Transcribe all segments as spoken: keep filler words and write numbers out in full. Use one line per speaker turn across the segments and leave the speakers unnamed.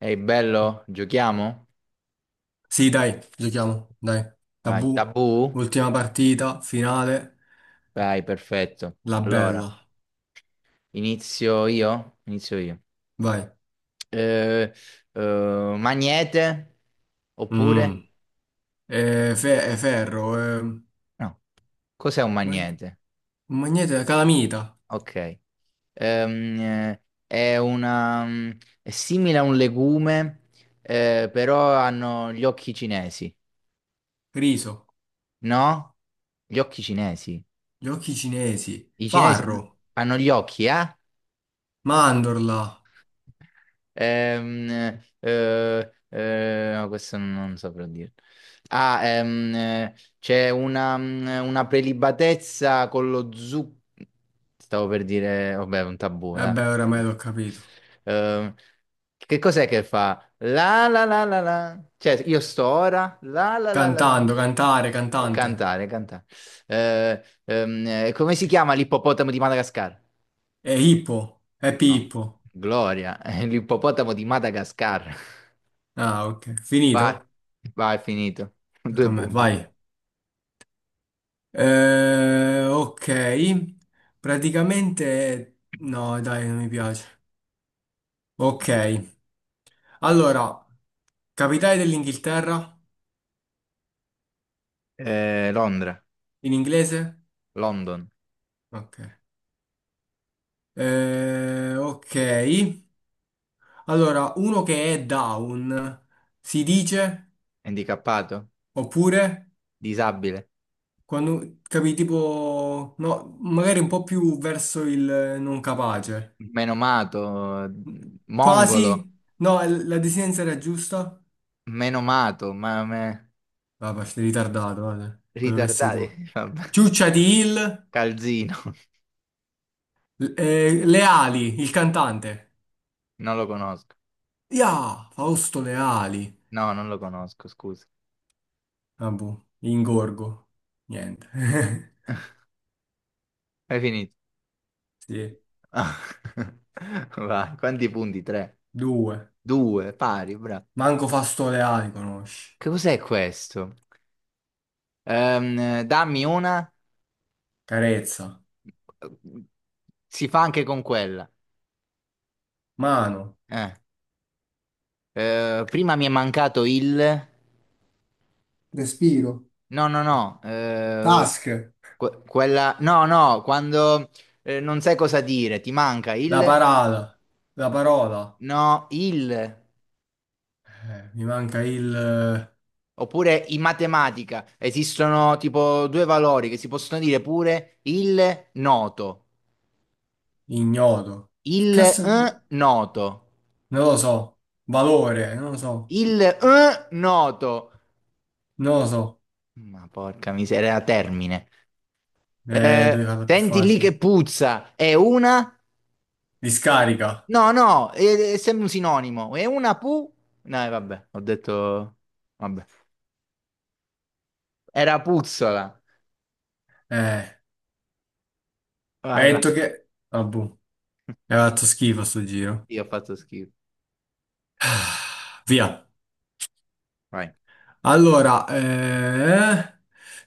Ehi, bello, giochiamo?
Sì, dai, giochiamo, dai.
Vai,
Tabù,
tabù?
ultima partita, finale,
Vai, perfetto.
la
Allora,
bella.
inizio io? Inizio io.
Vai.
Eh, eh, magnete? Oppure?
Mm. Eh, fe- eh, ferro, eh,
No, cos'è un
ma-
magnete?
magnete, calamita,
Ok. Ehm, eh, è una, mm, è simile a un legume, eh, però hanno gli occhi cinesi,
riso,
no? Gli occhi cinesi.
giochi cinesi,
I cinesi hanno
farro,
hanno gli occhi, eh?
mandorla.
Ehm, eh, eh, no, questo non, non saprò dire. Ah, ehm, eh, c'è una, mm, una prelibatezza con lo zucchero. Stavo per dire, vabbè, un tabù,
Eh
dai.
beh, oramai l'ho capito.
Ehm, che cos'è che fa? La la la la la. Cioè, io sto ora. La la la la la.
Cantando, cantare, cantante.
Cantare, cantare. Eh, ehm, eh, come si chiama l'ippopotamo di Madagascar?
E hippo, e
No.
pippo.
Gloria, è l'ippopotamo di Madagascar.
Ah, ok.
Vai,
Finito?
vai, è finito.
Tocca
Due
a me,
punti.
vai. Eh, ok, praticamente no, dai, non mi piace. Ok, allora, capitale dell'Inghilterra
Eh, Londra,
in inglese?
London,
Ok. Eh, ok, allora, uno che è down si dice,
handicappato,
oppure
disabile,
quando capi tipo, no, magari un po' più verso il non capace.
menomato, mongolo,
Quasi? No, la desinenza era giusta?
menomato, ma me-
Vabbè, sei ritardato, guarda, quello che sei tu.
ritardati. Vabbè.
Ciuccia di Hill,
Calzino,
l- eh, Leali, il cantante.
non lo conosco.
Ya, Fausto Leali.
No, non lo conosco, scusa.
Ah, boh, ingorgo. Niente.
Hai finito.
Sì,
Vai, quanti punti? Tre,
due.
due, pari, bravo.
Manco Fausto Leali conosci.
Che cos'è questo? Ehm, dammi una.
Carezza.
Si fa anche con quella.
Mano.
Eh. Eh, prima mi è mancato il.
Respiro.
No, no, no. eh,
Task.
que- quella. No, no, quando eh, non sai cosa dire, ti manca
La
il.
parata. La parola.
No, il.
Eh, mi manca il eh,
Oppure in matematica esistono tipo due valori che si possono dire pure il noto,
ignoto. Che
il
cazzo?
eh,
Non
noto,
lo so. Valore, non lo so.
il eh, noto.
Non lo so.
Ma porca miseria, era termine.
Eh, devi
Eh,
farla più
senti lì che
facile.
puzza, è una?
Discarica.
No, no, è, è sempre un sinonimo. È una pu? No, eh, vabbè, ho detto. Vabbè. Era puzzola.
Eh,
Vai,
Hai
vai.
detto che... Ah, boh. Hai fatto schifo sto giro.
Io ho fatto schifo.
Ah, via.
Vai.
Allora, eh...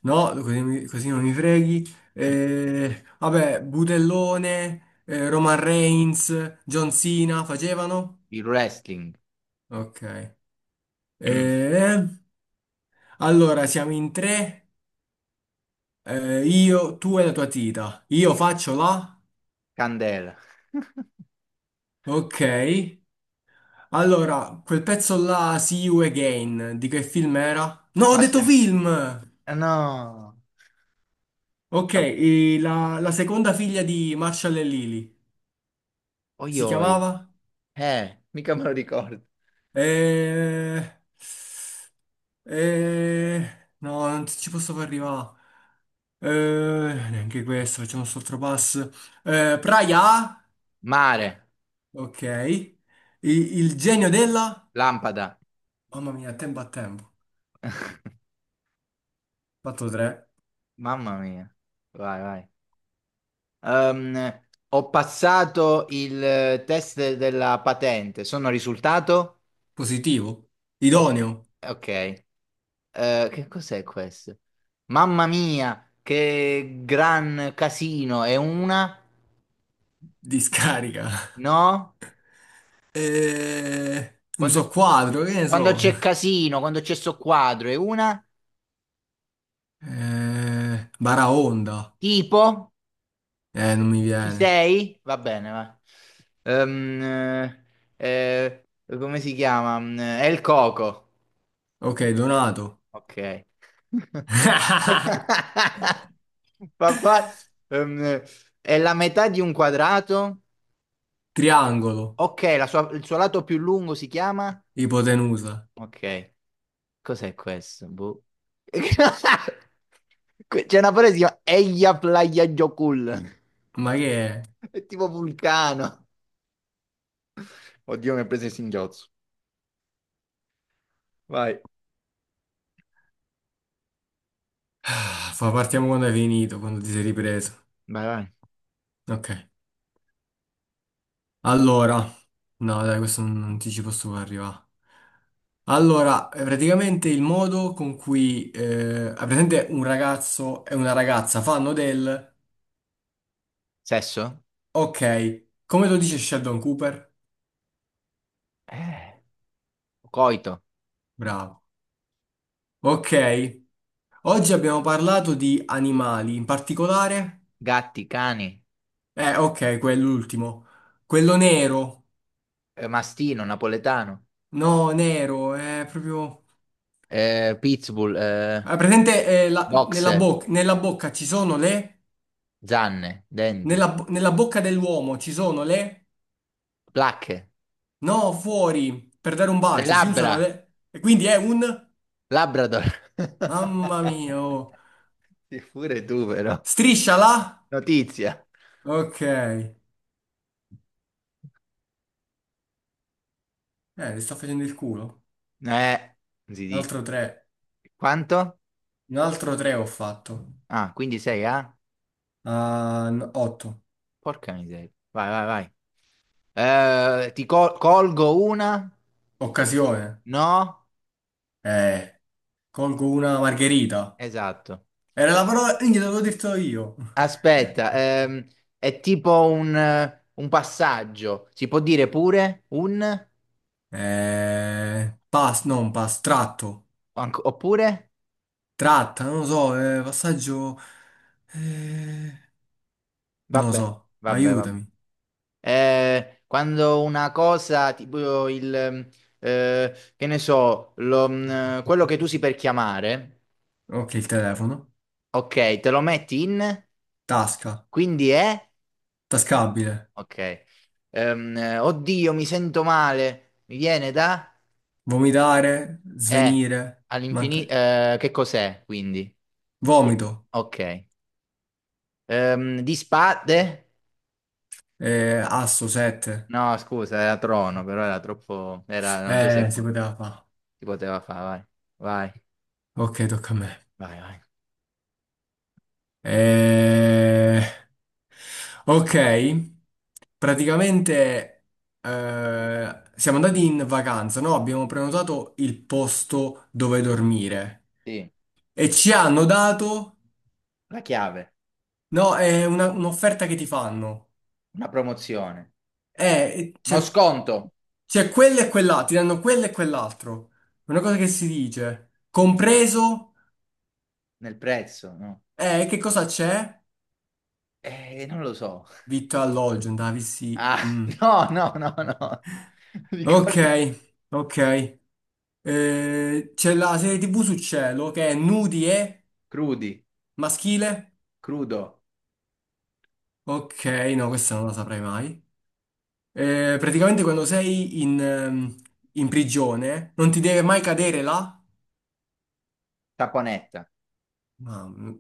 No, così, mi- così non mi freghi. Eh, vabbè, Butellone, eh, Roman Reigns, John Cena facevano?
Il wrestling.
Ok. Eh, allora, siamo in tre. Eh, io, tu e la tua tita. Io faccio la...
Candela.
Ok. Allora, quel pezzo là, See You Again, di che film era? No, ho
Passo
detto
in.
film!
Ah, no.
Ok, e la, la seconda figlia di Marshall e Lily,
Oi,
si
oi.
chiamava?
Eh, mica me lo ricordo.
Eh... Eh... No, non ci posso far arrivare. Eh, Neanche questo, facciamo un altro passo. Eh, Praia,
Mare.
ok. I- il genio della...
Lampada.
Mamma mia, tempo a tempo. Fatto tre.
Mamma mia. Vai, vai. Ehm, ho passato il eh, test della patente, sono risultato?
Positivo.
Ho-
Idoneo.
Ok. Eh, che cos'è questo? Mamma mia, che gran casino, è una?
Discarica.
No?
Eh, non so
Quando,
quadro, che ne
quando
so.
c'è casino, quando c'è sto quadro, è una?
Eh, Baraonda.
Tipo?
Eh, non mi
Ci
viene.
sei? Va bene, va. Ehm, eh, eh, come si chiama? Mm, È il coco.
Ok, Donato.
Ok. Papà, ehm, è la metà di un quadrato?
Triangolo.
Ok, la sua- il suo lato più lungo si chiama?
Ipotenusa.
Ok, cos'è questo? Boh. Que- C'è una frase che si chiama Eia Playa Jokul.
Ma che è?
È tipo vulcano. Oddio, mi ha preso il singhiozzo. Vai.
Ah, fa- partiamo quando hai finito, quando ti sei ripreso.
Vai, vai.
Ok. Allora. No, dai, questo non, non ti ci posso far arrivare. Allora, eh, praticamente il modo con cui... Eh, ah, praticamente un ragazzo e una ragazza fanno del...
Sesso?
Ok, come lo dice Sheldon Cooper?
Eh. Coito.
Bravo. Ok, oggi abbiamo parlato di animali, in particolare...
Gatti, cani.
Eh, ok, quell'ultimo. Quello nero.
eh, mastino, napoletano.
No, nero, è proprio...
eh, pitbull. eh,
È presente eh, la- nella
Boxer,
boc- nella bocca ci sono le...
zanne, denti,
Nella, bo- nella bocca dell'uomo ci sono le...
placche,
No, fuori, per dare un
le
bacio, si usano
labbra,
le... E quindi è un...
Labrador.
Mamma mia, oh.
Sì, pure tu però.
Strisciala.
Notizia.
Ok. Eh, le sto facendo il culo.
Eh, si
Un
dice.
altro tre.
Quanto?
Un altro tre ho fatto.
Ah, quindi sei a?
Ah, n- otto.
Porca miseria. Vai, vai, vai. Eh, ti col- colgo una?
Occasione.
No?
Eh, Colgo una margherita.
Esatto.
Era la parola... Minchia, te l'avevo detto io.
Aspetta, ehm, è tipo un, eh, un passaggio. Si può dire pure un?
Eh, pass, non pass, tratto.
Anc- Oppure?
Tratta, non lo so, eh, passaggio... eh, non lo
Vabbè,
so,
vabbè, vabbè.
aiutami.
Eh, quando una cosa, tipo il, eh, che ne so, lo- mh, quello che tu usi per chiamare,
Ok, il telefono.
ok, te lo metti in,
Tasca.
quindi è,
Tascabile.
ok. Ehm, eh, oddio, mi sento male, mi viene da,
Vomitare,
è,
svenire. Manca...
all'infinito, che cos'è, quindi? Sì.
Vomito.
Ok. Ehm, di spade,
Eh, asso, sette.
no, scusa, era trono, però era troppo, erano due
Eh, si
secondi,
poteva fare.
si poteva fare, vai,
Ok, tocca a me.
vai, vai, vai.
Eh... Ok, praticamente, eh, siamo andati in vacanza, no? Abbiamo prenotato il posto dove dormire
Sì,
e ci hanno dato,
la chiave.
no, è una- un'offerta che ti fanno.
Una promozione,
Eh,
uno
c'è
sconto
c'è quello e quell'altro, ti danno quello e quell'altro. Una cosa che si dice, compreso,
nel prezzo, no?
eh, che cosa c'è?
Eh, non lo so.
Vitto e alloggio, andavi sì.
Ah,
Mm.
no, no, no, no.
Ok,
Ricorda,
ok. Eh, c'è la serie T V su Cielo che è nudi e
crudi,
maschile.
crudo,
Ok, no, questa non la saprei mai. Eh, praticamente quando sei in, ehm, in prigione non ti deve mai cadere là.
saponetta.
Mamma mia.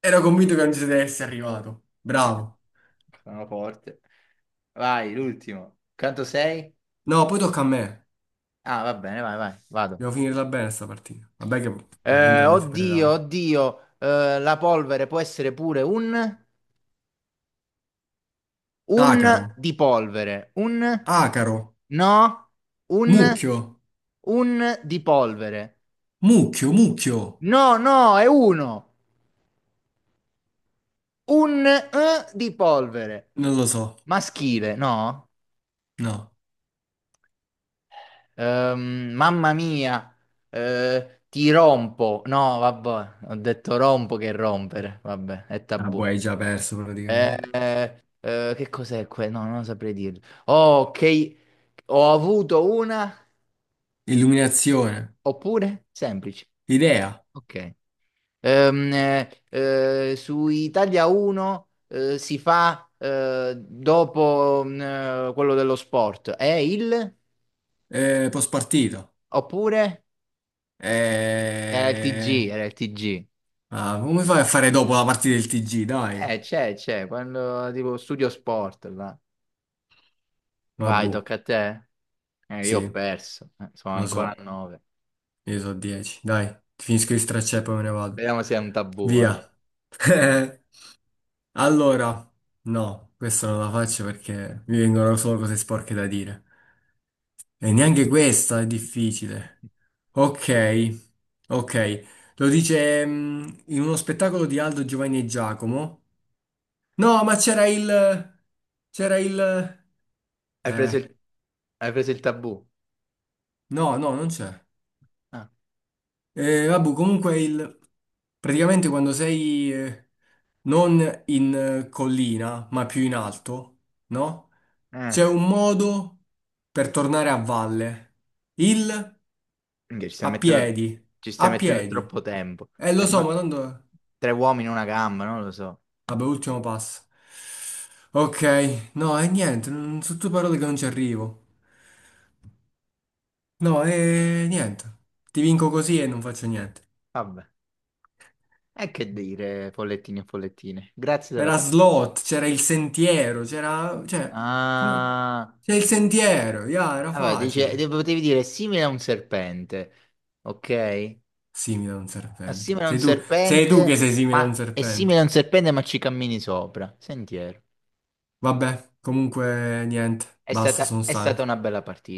Ero convinto che non ci si deve essere arrivato. Bravo.
Sono forte. Vai, l'ultimo. Quanto sei?
No, poi tocca a me.
Ah, va bene, vai, vai, vado.
Devo finirla bene sta partita. Vabbè che probabilmente
Eh,
non mi
oddio,
supererai.
oddio, eh, la polvere può essere pure un.
Acaro,
Un di polvere. Un.
acaro,
No, un.
mucchio,
Un di polvere.
mucchio, mucchio.
No, no, è uno. Un eh, di polvere.
Non lo so.
Maschile, no?
No.
Ehm, mamma mia. Eh, ti rompo. No, vabbè, ho detto rompo che rompere. Vabbè, è
Ah, boh,
tabù.
hai già perso
Eh,
praticamente.
eh, eh, che cos'è quello? No, non saprei dirlo. Oh, ok. Ho avuto una,
Illuminazione,
oppure semplice.
idea,
Ok. Ehm, eh, eh, su Italia uno eh, si fa eh, dopo mm, eh, quello dello sport. È il?
eh, post partita.
Oppure? Era il ti gi,
Eh,
era il ti gi.
ah, Come fai a fare dopo la partita del ti gi? Dai,
Eh, c'è, c'è, quando tipo studio sport, là.
ma
Vai,
boh,
tocca a te. Eh, io ho
sì,
perso. Eh, sono
lo
ancora a
so,
nove.
io so dieci. Dai, finisco di stracciare e poi me ne vado.
Vediamo se è un tabù, eh.
Via. Allora, no, questa non la faccio perché mi vengono solo cose sporche da dire. E neanche questa è difficile. Ok, ok. Lo dice, mm, in uno spettacolo di Aldo, Giovanni e Giacomo. No, ma c'era il... C'era il...
Hai preso
Eh,
il, hai preso il tabù?
no, no, non c'è.
Ah.
Eh, vabbè, comunque il... Praticamente quando sei eh, non in eh, collina, ma più in alto, no?
Eh.
C'è un modo per tornare a valle. Il...
Minchia, Ci stai
A
mettendo,
piedi.
ci stai
A
mettendo
piedi.
troppo tempo.
Eh,
Eh,
lo so,
ma-
ma tanto...
Tre uomini in una gamba, non lo so.
Vabbè, ultimo passo. Ok, no, e niente, non- sono tutte parole che non ci arrivo. No, e niente. Ti vinco così e non faccio niente.
Vabbè. E che dire, follettini e follettine. Grazie della
Era
partita.
slot, c'era il sentiero, c'era... Cioè, come...
Ah,
C'è il sentiero, ya, era
vabbè, dice,
facile.
de- potevi dire è simile a un serpente, ok?
Simile a un
È
serpente.
simile a un
Sei tu, sei tu che
serpente,
sei simile a un
ma è
serpente.
simile a un serpente, ma ci cammini sopra. Sentiero.
Vabbè, comunque niente,
È
basta,
stata,
sono
è stata
stanco.
una bella partita.